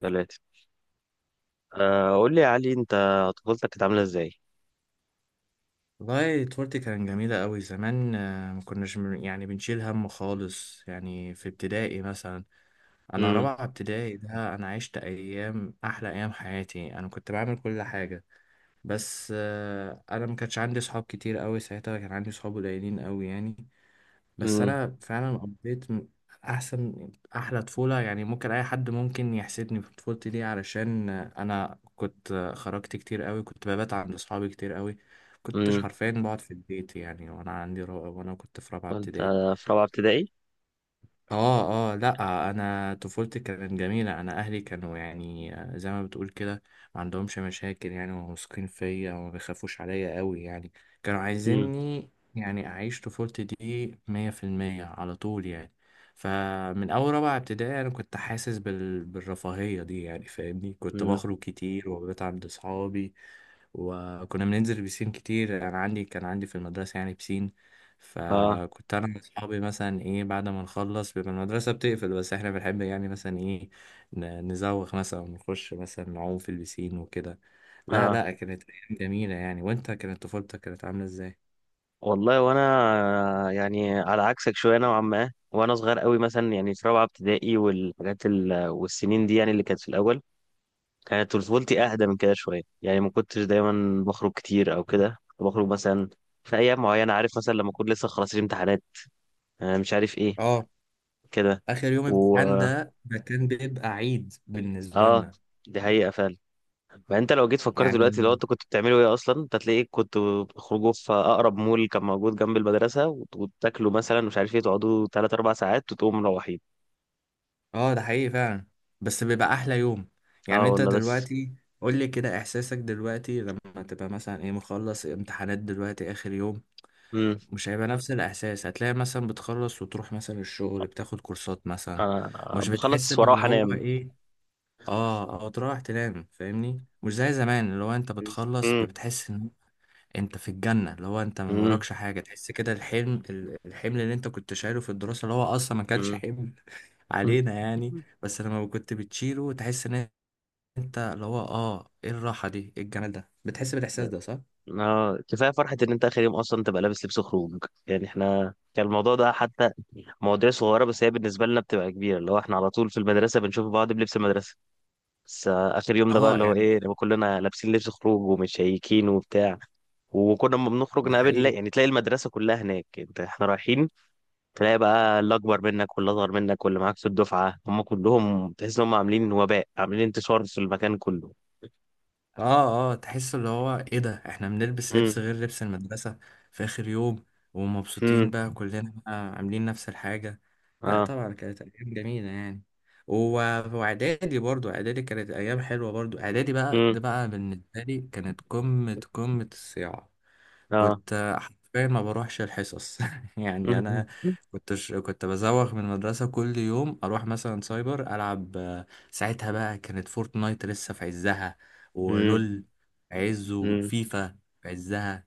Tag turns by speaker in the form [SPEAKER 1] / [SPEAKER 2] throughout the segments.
[SPEAKER 1] ثلاثة. قول لي يا علي، انت طفولتك كانت عاملة ازاي؟
[SPEAKER 2] والله طفولتي كانت جميلة أوي زمان، ما كناش يعني بنشيل هم خالص، يعني في ابتدائي مثلا. أنا
[SPEAKER 1] امم.
[SPEAKER 2] رابعة ابتدائي ده، أنا عشت أيام، أحلى أيام حياتي. أنا كنت بعمل كل حاجة، بس أنا ما كانش عندي صحاب كتير أوي. ساعتها كان عندي صحاب قليلين أوي يعني. بس
[SPEAKER 1] امم.
[SPEAKER 2] انا فعلا قضيت احسن احلى طفوله يعني. ممكن اي حد ممكن يحسدني في طفولتي دي علشان انا كنت خرجت كتير قوي، كنت ببات عند اصحابي كتير قوي. كنتش
[SPEAKER 1] امم.
[SPEAKER 2] حرفيا بقعد في البيت يعني، وانا عندي رابعه، وانا كنت في رابعه
[SPEAKER 1] وانت
[SPEAKER 2] ابتدائي.
[SPEAKER 1] في رابعة ابتدائي؟
[SPEAKER 2] اه اه لا، انا طفولتي كانت جميله، انا اهلي كانوا يعني زي ما بتقول كده ما عندهمش مشاكل يعني، وواثقين فيا وما بيخافوش عليا قوي يعني. كانوا
[SPEAKER 1] امم.
[SPEAKER 2] عايزيني يعني اعيش طفولتي دي مية في المية على طول يعني. فمن اول رابعه ابتدائي انا كنت حاسس بالرفاهيه دي يعني فاهمني. كنت
[SPEAKER 1] امم.
[SPEAKER 2] بخرج كتير وببات عند اصحابي. وكنا بننزل بسين كتير، انا عندي كان عندي في المدرسه يعني بسين.
[SPEAKER 1] اه.
[SPEAKER 2] فكنت انا واصحابي مثلا ايه بعد ما نخلص بيبقى المدرسه بتقفل، بس احنا بنحب يعني مثلا ايه نزوغ مثلا ونخش مثلا نعوم في البسين وكده. لا
[SPEAKER 1] اه.
[SPEAKER 2] لا، كانت ايام جميله يعني. وانت كانت طفولتك كانت عامله ازاي؟
[SPEAKER 1] والله، وانا يعني على عكسك شوية نوعا ما، وانا صغير قوي مثلا، يعني في رابعة ابتدائي والحاجات والسنين دي، يعني اللي كانت في الأول كانت طفولتي أهدى من كده شوية، يعني ما كنتش دايما بخرج كتير أو كده. كنت بخرج مثلا في أيام معينة، عارف، مثلا لما أكون لسه خلاص الامتحانات، مش عارف ايه
[SPEAKER 2] اه،
[SPEAKER 1] كده.
[SPEAKER 2] اخر يوم
[SPEAKER 1] و
[SPEAKER 2] امتحان ده ده كان بيبقى عيد بالنسبه
[SPEAKER 1] اه،
[SPEAKER 2] لنا
[SPEAKER 1] دي حقيقة فعلا. فانت لو جيت فكرت دلوقتي
[SPEAKER 2] يعني.
[SPEAKER 1] لو انت كنت بتعملوا ايه اصلا، انت هتلاقيك كنت بتخرجوا في اقرب مول كان موجود جنب المدرسه وتاكلوا، مثلا مش عارف ايه، تقعدوا 3 4 ساعات وتقوموا مروحين.
[SPEAKER 2] اه ده حقيقي فعلا. بس بيبقى احلى يوم يعني.
[SPEAKER 1] اه
[SPEAKER 2] انت
[SPEAKER 1] والله. بس.
[SPEAKER 2] دلوقتي قول لي كده احساسك دلوقتي لما تبقى مثلا ايه مخلص امتحانات دلوقتي اخر يوم.
[SPEAKER 1] امم.
[SPEAKER 2] مش هيبقى نفس الإحساس. هتلاقي مثلا بتخلص وتروح مثلا الشغل، بتاخد كورسات مثلا. مش بتحس
[SPEAKER 1] بخلص
[SPEAKER 2] باللي
[SPEAKER 1] واروح
[SPEAKER 2] هو
[SPEAKER 1] انام.
[SPEAKER 2] إيه، آه، أو تروح تنام فاهمني. مش زي زمان اللي هو أنت بتخلص
[SPEAKER 1] امم.
[SPEAKER 2] بتحس إن أنت في الجنة، اللي هو أنت ما
[SPEAKER 1] امم.
[SPEAKER 2] وراكش حاجة. تحس كده الحلم الحمل اللي أنت كنت شايله في الدراسة اللي هو أصلا ما كانش
[SPEAKER 1] امم.
[SPEAKER 2] حمل علينا يعني. بس لما كنت بتشيله تحس إن أنت اللي هو آه إيه الراحة دي، إيه الجمال ده، بتحس بالإحساس ده صح؟
[SPEAKER 1] اه، كفايه فرحه ان انت اخر يوم اصلا تبقى لابس لبس خروج. يعني احنا كان الموضوع ده حتى مواضيع صغيره، بس هي بالنسبه لنا بتبقى كبيره. اللي هو احنا على طول في المدرسه بنشوف بعض بلبس المدرسه، بس اخر يوم ده بقى
[SPEAKER 2] آه
[SPEAKER 1] اللي هو
[SPEAKER 2] يعني
[SPEAKER 1] ايه، لما كلنا لابسين لبس خروج ومتشيكين وبتاع. وكنا لما بنخرج
[SPEAKER 2] ده
[SPEAKER 1] نقابل نلاقي،
[SPEAKER 2] حقيقي.
[SPEAKER 1] يعني تلاقي المدرسه كلها هناك، انت احنا رايحين تلاقي بقى اللي اكبر منك واللي اصغر منك واللي معاك في الدفعه، هم كلهم تحس ان هم عاملين وباء، عاملين انتشار في المكان كله.
[SPEAKER 2] اه اه تحس اللي هو ايه، ده احنا بنلبس
[SPEAKER 1] امم.
[SPEAKER 2] لبس غير لبس المدرسة في اخر يوم،
[SPEAKER 1] امم.
[SPEAKER 2] ومبسوطين بقى، كلنا بقى عاملين نفس الحاجة. لا
[SPEAKER 1] اه.
[SPEAKER 2] طبعا كانت ايام جميلة يعني. و- واعدادي برضو، اعدادي كانت ايام حلوة برضو. اعدادي بقى
[SPEAKER 1] امم.
[SPEAKER 2] ده بقى بالنسبة لي كانت قمة قمة الصياعة.
[SPEAKER 1] اه.
[SPEAKER 2] كنت حرفيا ما بروحش الحصص يعني. انا كنت كنت بزوغ من المدرسه كل يوم، اروح مثلا سايبر العب. ساعتها بقى كانت فورتنايت لسه في عزها
[SPEAKER 1] امم. امم.
[SPEAKER 2] ولول في عزه، وفيفا في عزها.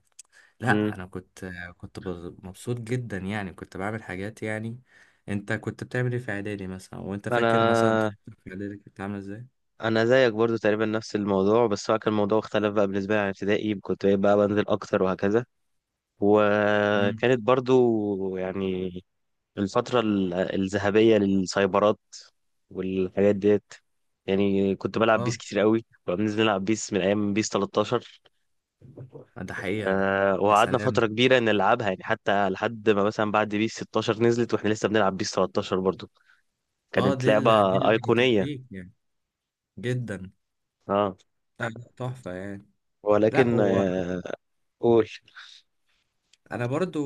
[SPEAKER 2] لا
[SPEAKER 1] امم.
[SPEAKER 2] انا كنت، كنت مبسوط جدا يعني، كنت بعمل حاجات يعني. انت كنت بتعمل ايه في اعدادي مثلا؟ وانت فاكر مثلا
[SPEAKER 1] انا
[SPEAKER 2] طفولتك في اعدادي كنت عامله ازاي؟
[SPEAKER 1] انا زيك برضو تقريبا نفس الموضوع، بس هو كان الموضوع اختلف بقى بالنسبه لي عن ابتدائي. كنت بقى بنزل اكتر وهكذا.
[SPEAKER 2] امم
[SPEAKER 1] وكانت برضو يعني الفترة الذهبية للسايبرات والحاجات ديت. يعني كنت بلعب بيس
[SPEAKER 2] اه
[SPEAKER 1] كتير قوي. كنا بننزل نلعب بيس من أيام بيس 13.
[SPEAKER 2] ده حقيقه. يا
[SPEAKER 1] وقعدنا
[SPEAKER 2] سلام.
[SPEAKER 1] فترة كبيرة نلعبها، يعني حتى لحد ما مثلا بعد بيس 16 نزلت واحنا لسه بنلعب بيس 13 برضو.
[SPEAKER 2] اه،
[SPEAKER 1] كانت
[SPEAKER 2] دي
[SPEAKER 1] لعبة
[SPEAKER 2] دي اللي كانت
[SPEAKER 1] أيقونية.
[SPEAKER 2] تديك يعني جدا.
[SPEAKER 1] اه.
[SPEAKER 2] لا، لا، تحفة يعني. لا
[SPEAKER 1] ولكن
[SPEAKER 2] وانا
[SPEAKER 1] آه قول.
[SPEAKER 2] برضو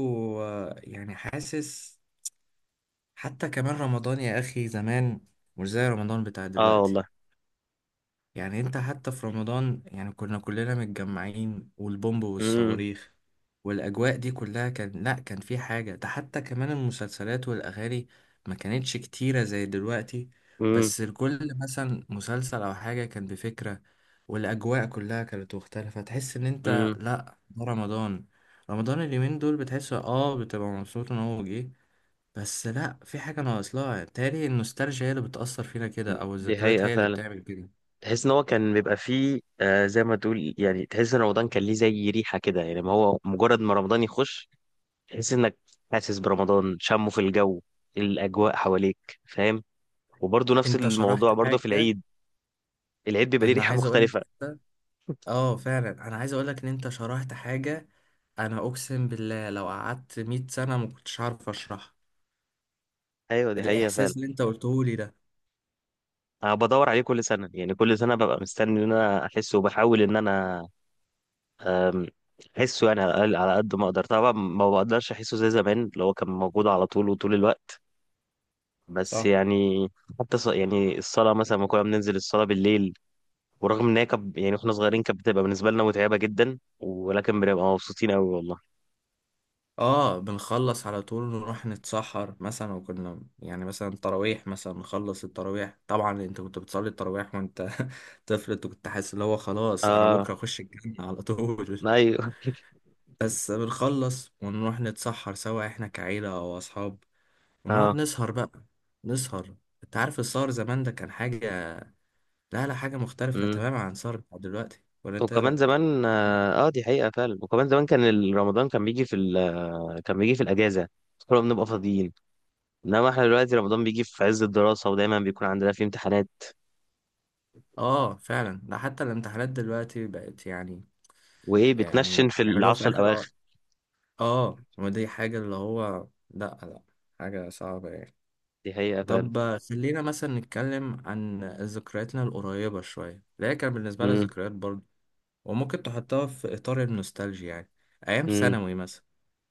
[SPEAKER 2] يعني حاسس. حتى كمان رمضان يا اخي زمان مش زي رمضان بتاع
[SPEAKER 1] اه
[SPEAKER 2] دلوقتي
[SPEAKER 1] والله.
[SPEAKER 2] يعني. انت حتى في رمضان يعني كنا كلنا متجمعين، والبومب
[SPEAKER 1] امم.
[SPEAKER 2] والصواريخ والاجواء دي كلها. كان لا كان في حاجة. ده حتى كمان المسلسلات والاغاني ما كانتش كتيرة زي دلوقتي،
[SPEAKER 1] امم.
[SPEAKER 2] بس الكل مثلا مسلسل او حاجة كان بفكرة. والاجواء كلها كانت مختلفة، تحس ان انت
[SPEAKER 1] امم.
[SPEAKER 2] لا ده رمضان. رمضان اليومين دول بتحس اه بتبقى مبسوط ان هو جه، بس لا في حاجة ناقص. لها تالي النوستالجيا هي اللي بتأثر فينا كده او
[SPEAKER 1] دي
[SPEAKER 2] الذكريات
[SPEAKER 1] حقيقة
[SPEAKER 2] هي اللي
[SPEAKER 1] فعلا.
[SPEAKER 2] بتعمل كده.
[SPEAKER 1] تحس ان هو كان بيبقى فيه زي ما تقول، يعني تحس ان رمضان كان ليه زي ريحه كده، يعني ما هو مجرد ما رمضان يخش تحس انك حاسس برمضان، شمه في الجو، الاجواء حواليك، فاهم. وبرضه نفس
[SPEAKER 2] انت شرحت
[SPEAKER 1] الموضوع برضه في
[SPEAKER 2] حاجة،
[SPEAKER 1] العيد، العيد بيبقى ليه
[SPEAKER 2] انا
[SPEAKER 1] ريحه
[SPEAKER 2] عايز اقول لك
[SPEAKER 1] مختلفه.
[SPEAKER 2] انت. اه فعلا، انا عايز اقول لك ان انت شرحت حاجة. انا اقسم بالله لو قعدت 100 سنة ما كنتش عارف اشرحها.
[SPEAKER 1] ايوه، دي حقيقه فعلا.
[SPEAKER 2] الاحساس اللي انت قلته لي ده
[SPEAKER 1] انا بدور عليه كل سنه، يعني كل سنه ببقى مستني ان انا احسه وبحاول ان انا آم، احسه، يعني على على قد ما اقدر. طبعا ما بقدرش احسه زي زمان اللي هو كان موجود على طول وطول الوقت، بس
[SPEAKER 2] صح.
[SPEAKER 1] يعني حتى يعني الصلاة مثلا، ما كنا بننزل الصلاة بالليل، ورغم ان هي يعني واحنا صغيرين كانت بتبقى بالنسبة لنا متعبة جدا، ولكن بنبقى مبسوطين قوي والله.
[SPEAKER 2] اه بنخلص على طول نروح نتسحر مثلا. وكنا يعني مثلا تراويح مثلا نخلص التراويح، طبعا انت كنت بتصلي التراويح وانت طفل. انت كنت حاسس اللي هو خلاص انا
[SPEAKER 1] اه.
[SPEAKER 2] بكرة اخش الجنة على طول.
[SPEAKER 1] ايوه.
[SPEAKER 2] بس بنخلص ونروح نتسحر سوا احنا كعيلة او اصحاب. ونقعد
[SPEAKER 1] اه.
[SPEAKER 2] نسهر بقى، نسهر. انت عارف السهر زمان ده كان حاجة، لا لا، حاجة مختلفة
[SPEAKER 1] امم.
[SPEAKER 2] تماما عن السهر بتاع دلوقتي. ولا انت ايه
[SPEAKER 1] وكمان
[SPEAKER 2] رأيك؟
[SPEAKER 1] زمان اه، دي حقيقة فعلا. وكمان زمان كان رمضان كان بيجي في كان بيجي في الأجازة. كنا بنبقى فاضيين، انما احنا دلوقتي رمضان بيجي في عز الدراسة ودايما بيكون عندنا فيه امتحانات.
[SPEAKER 2] اه فعلا، ده حتى الامتحانات دلوقتي بقت يعني.
[SPEAKER 1] وايه، بتنشن
[SPEAKER 2] يعني
[SPEAKER 1] في
[SPEAKER 2] بيعملوها في
[SPEAKER 1] العشر
[SPEAKER 2] اخر
[SPEAKER 1] الأواخر.
[SPEAKER 2] اه. ما دي حاجة اللي هو، لا لا، حاجة صعبة يعني.
[SPEAKER 1] دي حقيقة فعلا.
[SPEAKER 2] طب خلينا مثلا نتكلم عن ذكرياتنا القريبة شوية اللي هي كان بالنسبة لي
[SPEAKER 1] امم.
[SPEAKER 2] ذكريات برضه، وممكن تحطها في إطار النوستالجيا يعني. أيام ثانوي مثلا.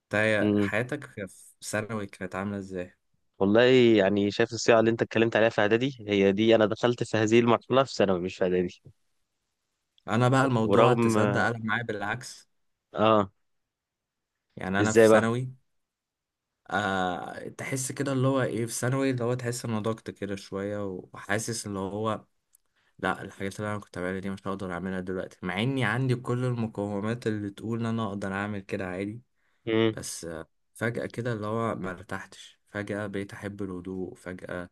[SPEAKER 2] انت
[SPEAKER 1] امم.
[SPEAKER 2] حياتك في ثانوي كانت عاملة ازاي؟
[SPEAKER 1] والله، يعني شايف الصيغة اللي انت اتكلمت عليها في اعدادي، هي دي انا دخلت في هذه المرحلة في ثانوي، مش في اعدادي.
[SPEAKER 2] انا بقى الموضوع
[SPEAKER 1] ورغم.
[SPEAKER 2] تصدق قلب معايا بالعكس.
[SPEAKER 1] اه.
[SPEAKER 2] يعني انا في
[SPEAKER 1] ازاي بقى.
[SPEAKER 2] ثانوي آه تحس كده اللي هو ايه، في ثانوي اللي هو تحس ان ضغط كده شويه، وحاسس اللي هو لا، الحاجات اللي انا كنت بعملها دي مش هقدر اعملها دلوقتي مع اني عندي كل المقومات اللي تقول ان انا اقدر اعمل كده عادي.
[SPEAKER 1] امم.
[SPEAKER 2] بس آه فجأة كده اللي هو ما ارتحتش فجأة، بقيت احب الهدوء فجأة،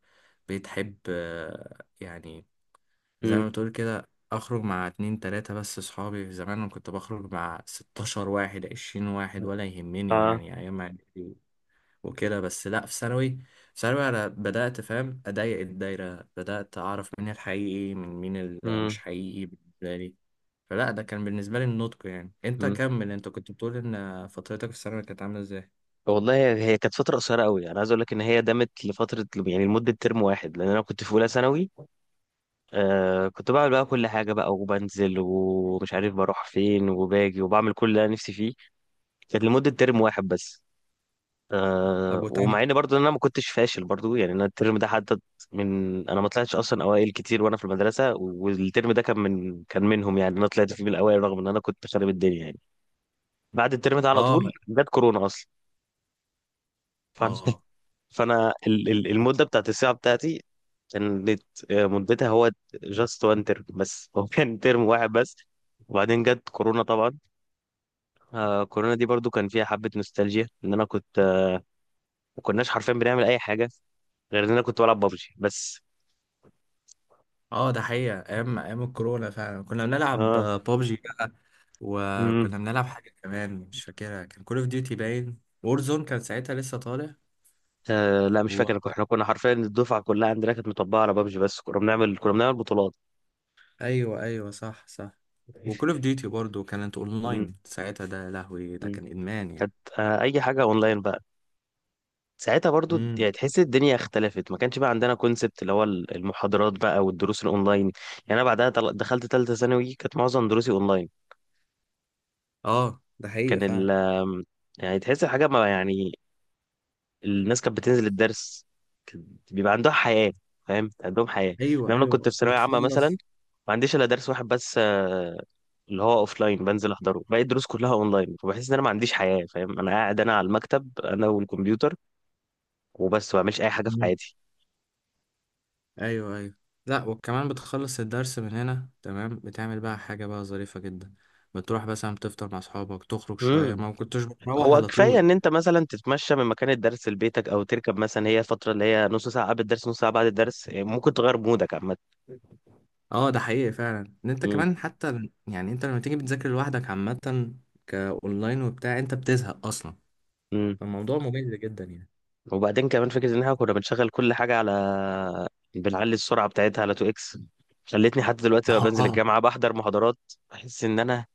[SPEAKER 2] بقيت احب آه يعني زي ما
[SPEAKER 1] امم.
[SPEAKER 2] بتقول كده اخرج مع اتنين تلاتة بس. صحابي زمان انا كنت بخرج مع ستاشر واحد، عشرين واحد، ولا يهمني
[SPEAKER 1] اه.
[SPEAKER 2] يعني ايام إعدادي وكده. بس لا في ثانوي، في ثانوي انا بدأت فاهم اضيق الدايرة، بدأت اعرف مين الحقيقي من مين اللي مش
[SPEAKER 1] امم.
[SPEAKER 2] حقيقي بالنسبة لي. فلا ده كان بالنسبة لي النضج يعني. انت
[SPEAKER 1] امم.
[SPEAKER 2] كمل، انت كنت بتقول ان فترتك في الثانوي كانت عاملة ازاي؟
[SPEAKER 1] والله هي هي كانت فترة قصيرة قوي. انا عايز اقول لك ان هي دامت لفترة، يعني لمدة ترم واحد، لان انا كنت في اولى ثانوي. كنت بعمل بقى كل حاجة بقى، وبنزل ومش عارف بروح فين، وباجي وبعمل كل اللي انا نفسي فيه. كانت لمدة ترم واحد بس.
[SPEAKER 2] طب وتانية.
[SPEAKER 1] ومع ان برضه انا ما كنتش فاشل، برضه يعني انا الترم ده حدد من انا ما طلعتش اصلا اوائل كتير وانا في المدرسه. والترم ده كان من كان منهم، يعني انا طلعت فيه من الاوائل رغم ان انا كنت خارب الدنيا يعني. بعد الترم ده على طول
[SPEAKER 2] اه
[SPEAKER 1] جت كورونا اصلا. فانا.
[SPEAKER 2] اه
[SPEAKER 1] فانا المده بتاعت الساعه بتاعتي كانت مدتها هو جاست وان ترم بس. هو كان ترم واحد بس. وبعدين جت كورونا طبعا. كورونا دي برضو كان فيها حبه نوستالجيا، ان انا كنت ما كناش حرفيا بنعمل اي حاجه غير ان انا كنت بلعب ببجي بس.
[SPEAKER 2] اه ده حقيقة، ايام ايام الكورونا فعلا كنا بنلعب
[SPEAKER 1] اه.
[SPEAKER 2] بابجي بقى.
[SPEAKER 1] امم.
[SPEAKER 2] وكنا بنلعب حاجة كمان مش فاكرها، كان كول اوف ديوتي باين، وورزون كان ساعتها لسه طالع.
[SPEAKER 1] لا، مش
[SPEAKER 2] و...
[SPEAKER 1] فاكر. احنا كنا حرفيا الدفعه كلها عندنا كانت مطبقه على بابجي بس. كنا بنعمل بطولات.
[SPEAKER 2] ايوه ايوه صح صح. وكول اوف ديوتي برضه كانت
[SPEAKER 1] مم.
[SPEAKER 2] اونلاين ساعتها. ده يا لهوي ده
[SPEAKER 1] مم.
[SPEAKER 2] كان ادمان يعني.
[SPEAKER 1] كانت اي حاجه اونلاين بقى ساعتها برضو.
[SPEAKER 2] امم
[SPEAKER 1] يعني تحس الدنيا اختلفت، ما كانش بقى عندنا كونسبت اللي هو المحاضرات بقى والدروس الاونلاين. يعني انا بعدها دخلت ثالثه ثانوي، كانت معظم دروسي اونلاين.
[SPEAKER 2] اه ده حقيقة
[SPEAKER 1] كان
[SPEAKER 2] فعلا.
[SPEAKER 1] ال يعني تحس الحاجه ما، يعني الناس كانت بتنزل الدرس كان بيبقى عندها حياه، فاهم، عندهم حياه.
[SPEAKER 2] ايوه
[SPEAKER 1] انما انا كنت
[SPEAKER 2] ايوه
[SPEAKER 1] في ثانويه عامه مثلا،
[SPEAKER 2] وتخلص.
[SPEAKER 1] ما عنديش الا درس واحد بس اللي هو اوف لاين بنزل احضره، باقي الدروس كلها اونلاين. فبحس ان انا ما عنديش حياه، فاهم. انا قاعد، انا على المكتب، انا والكمبيوتر وبس، ما بعملش اي حاجه في حياتي.
[SPEAKER 2] ايوه ايوه لا، وكمان بتخلص الدرس من هنا تمام، بتعمل بقى حاجة بقى ظريفة جدا، بتروح مثلا بتفطر مع اصحابك تخرج شوية،
[SPEAKER 1] امم.
[SPEAKER 2] ما كنتش بتروح
[SPEAKER 1] هو
[SPEAKER 2] على
[SPEAKER 1] كفايه
[SPEAKER 2] طول.
[SPEAKER 1] ان انت مثلا تتمشى من مكان الدرس لبيتك او تركب مثلا، هي فتره اللي هي نص ساعه قبل الدرس نص ساعه بعد الدرس، يعني ممكن تغير مودك عامه.
[SPEAKER 2] اه ده حقيقي فعلا ان انت
[SPEAKER 1] امم.
[SPEAKER 2] كمان حتى يعني انت لما تيجي بتذاكر لوحدك عامة كاونلاين وبتاع انت بتزهق اصلا،
[SPEAKER 1] امم.
[SPEAKER 2] فالموضوع ممل جدا يعني.
[SPEAKER 1] وبعدين كمان فكره ان احنا كنا بنشغل كل حاجه على، بنعلي السرعه بتاعتها على 2 اكس. خلتني حتى دلوقتي لما بنزل
[SPEAKER 2] اه
[SPEAKER 1] الجامعه بحضر محاضرات، بحس ان انا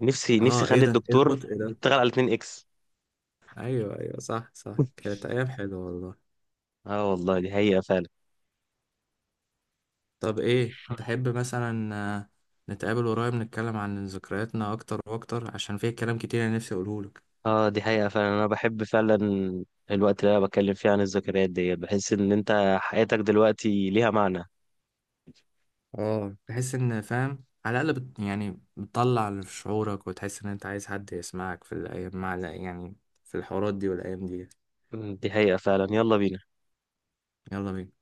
[SPEAKER 1] نفسي نفسي
[SPEAKER 2] اه ايه
[SPEAKER 1] اخلي
[SPEAKER 2] ده، ايه
[SPEAKER 1] الدكتور
[SPEAKER 2] البطء ده.
[SPEAKER 1] يشتغل على 2 اكس.
[SPEAKER 2] ايوه ايوه صح صح، كانت ايام حلوة والله.
[SPEAKER 1] اه والله، دي حقيقة فعلا.
[SPEAKER 2] طب ايه تحب مثلا، نتقابل قريب نتكلم عن ذكرياتنا اكتر واكتر عشان فيه كلام كتير انا نفسي اقوله لك.
[SPEAKER 1] اه، دي حقيقة فعلا. انا بحب فعلا الوقت اللي انا بتكلم فيه عن الذكريات دي، بحس ان انت حياتك دلوقتي ليها معنى.
[SPEAKER 2] اه تحس ان فاهم على الاقل يعني بتطلع اللي في شعورك وتحس ان انت عايز حد يسمعك في الايام مع يعني في الحوارات دي والايام دي.
[SPEAKER 1] مم، دي حقيقة فعلا. يلا بينا.
[SPEAKER 2] يلا بينا.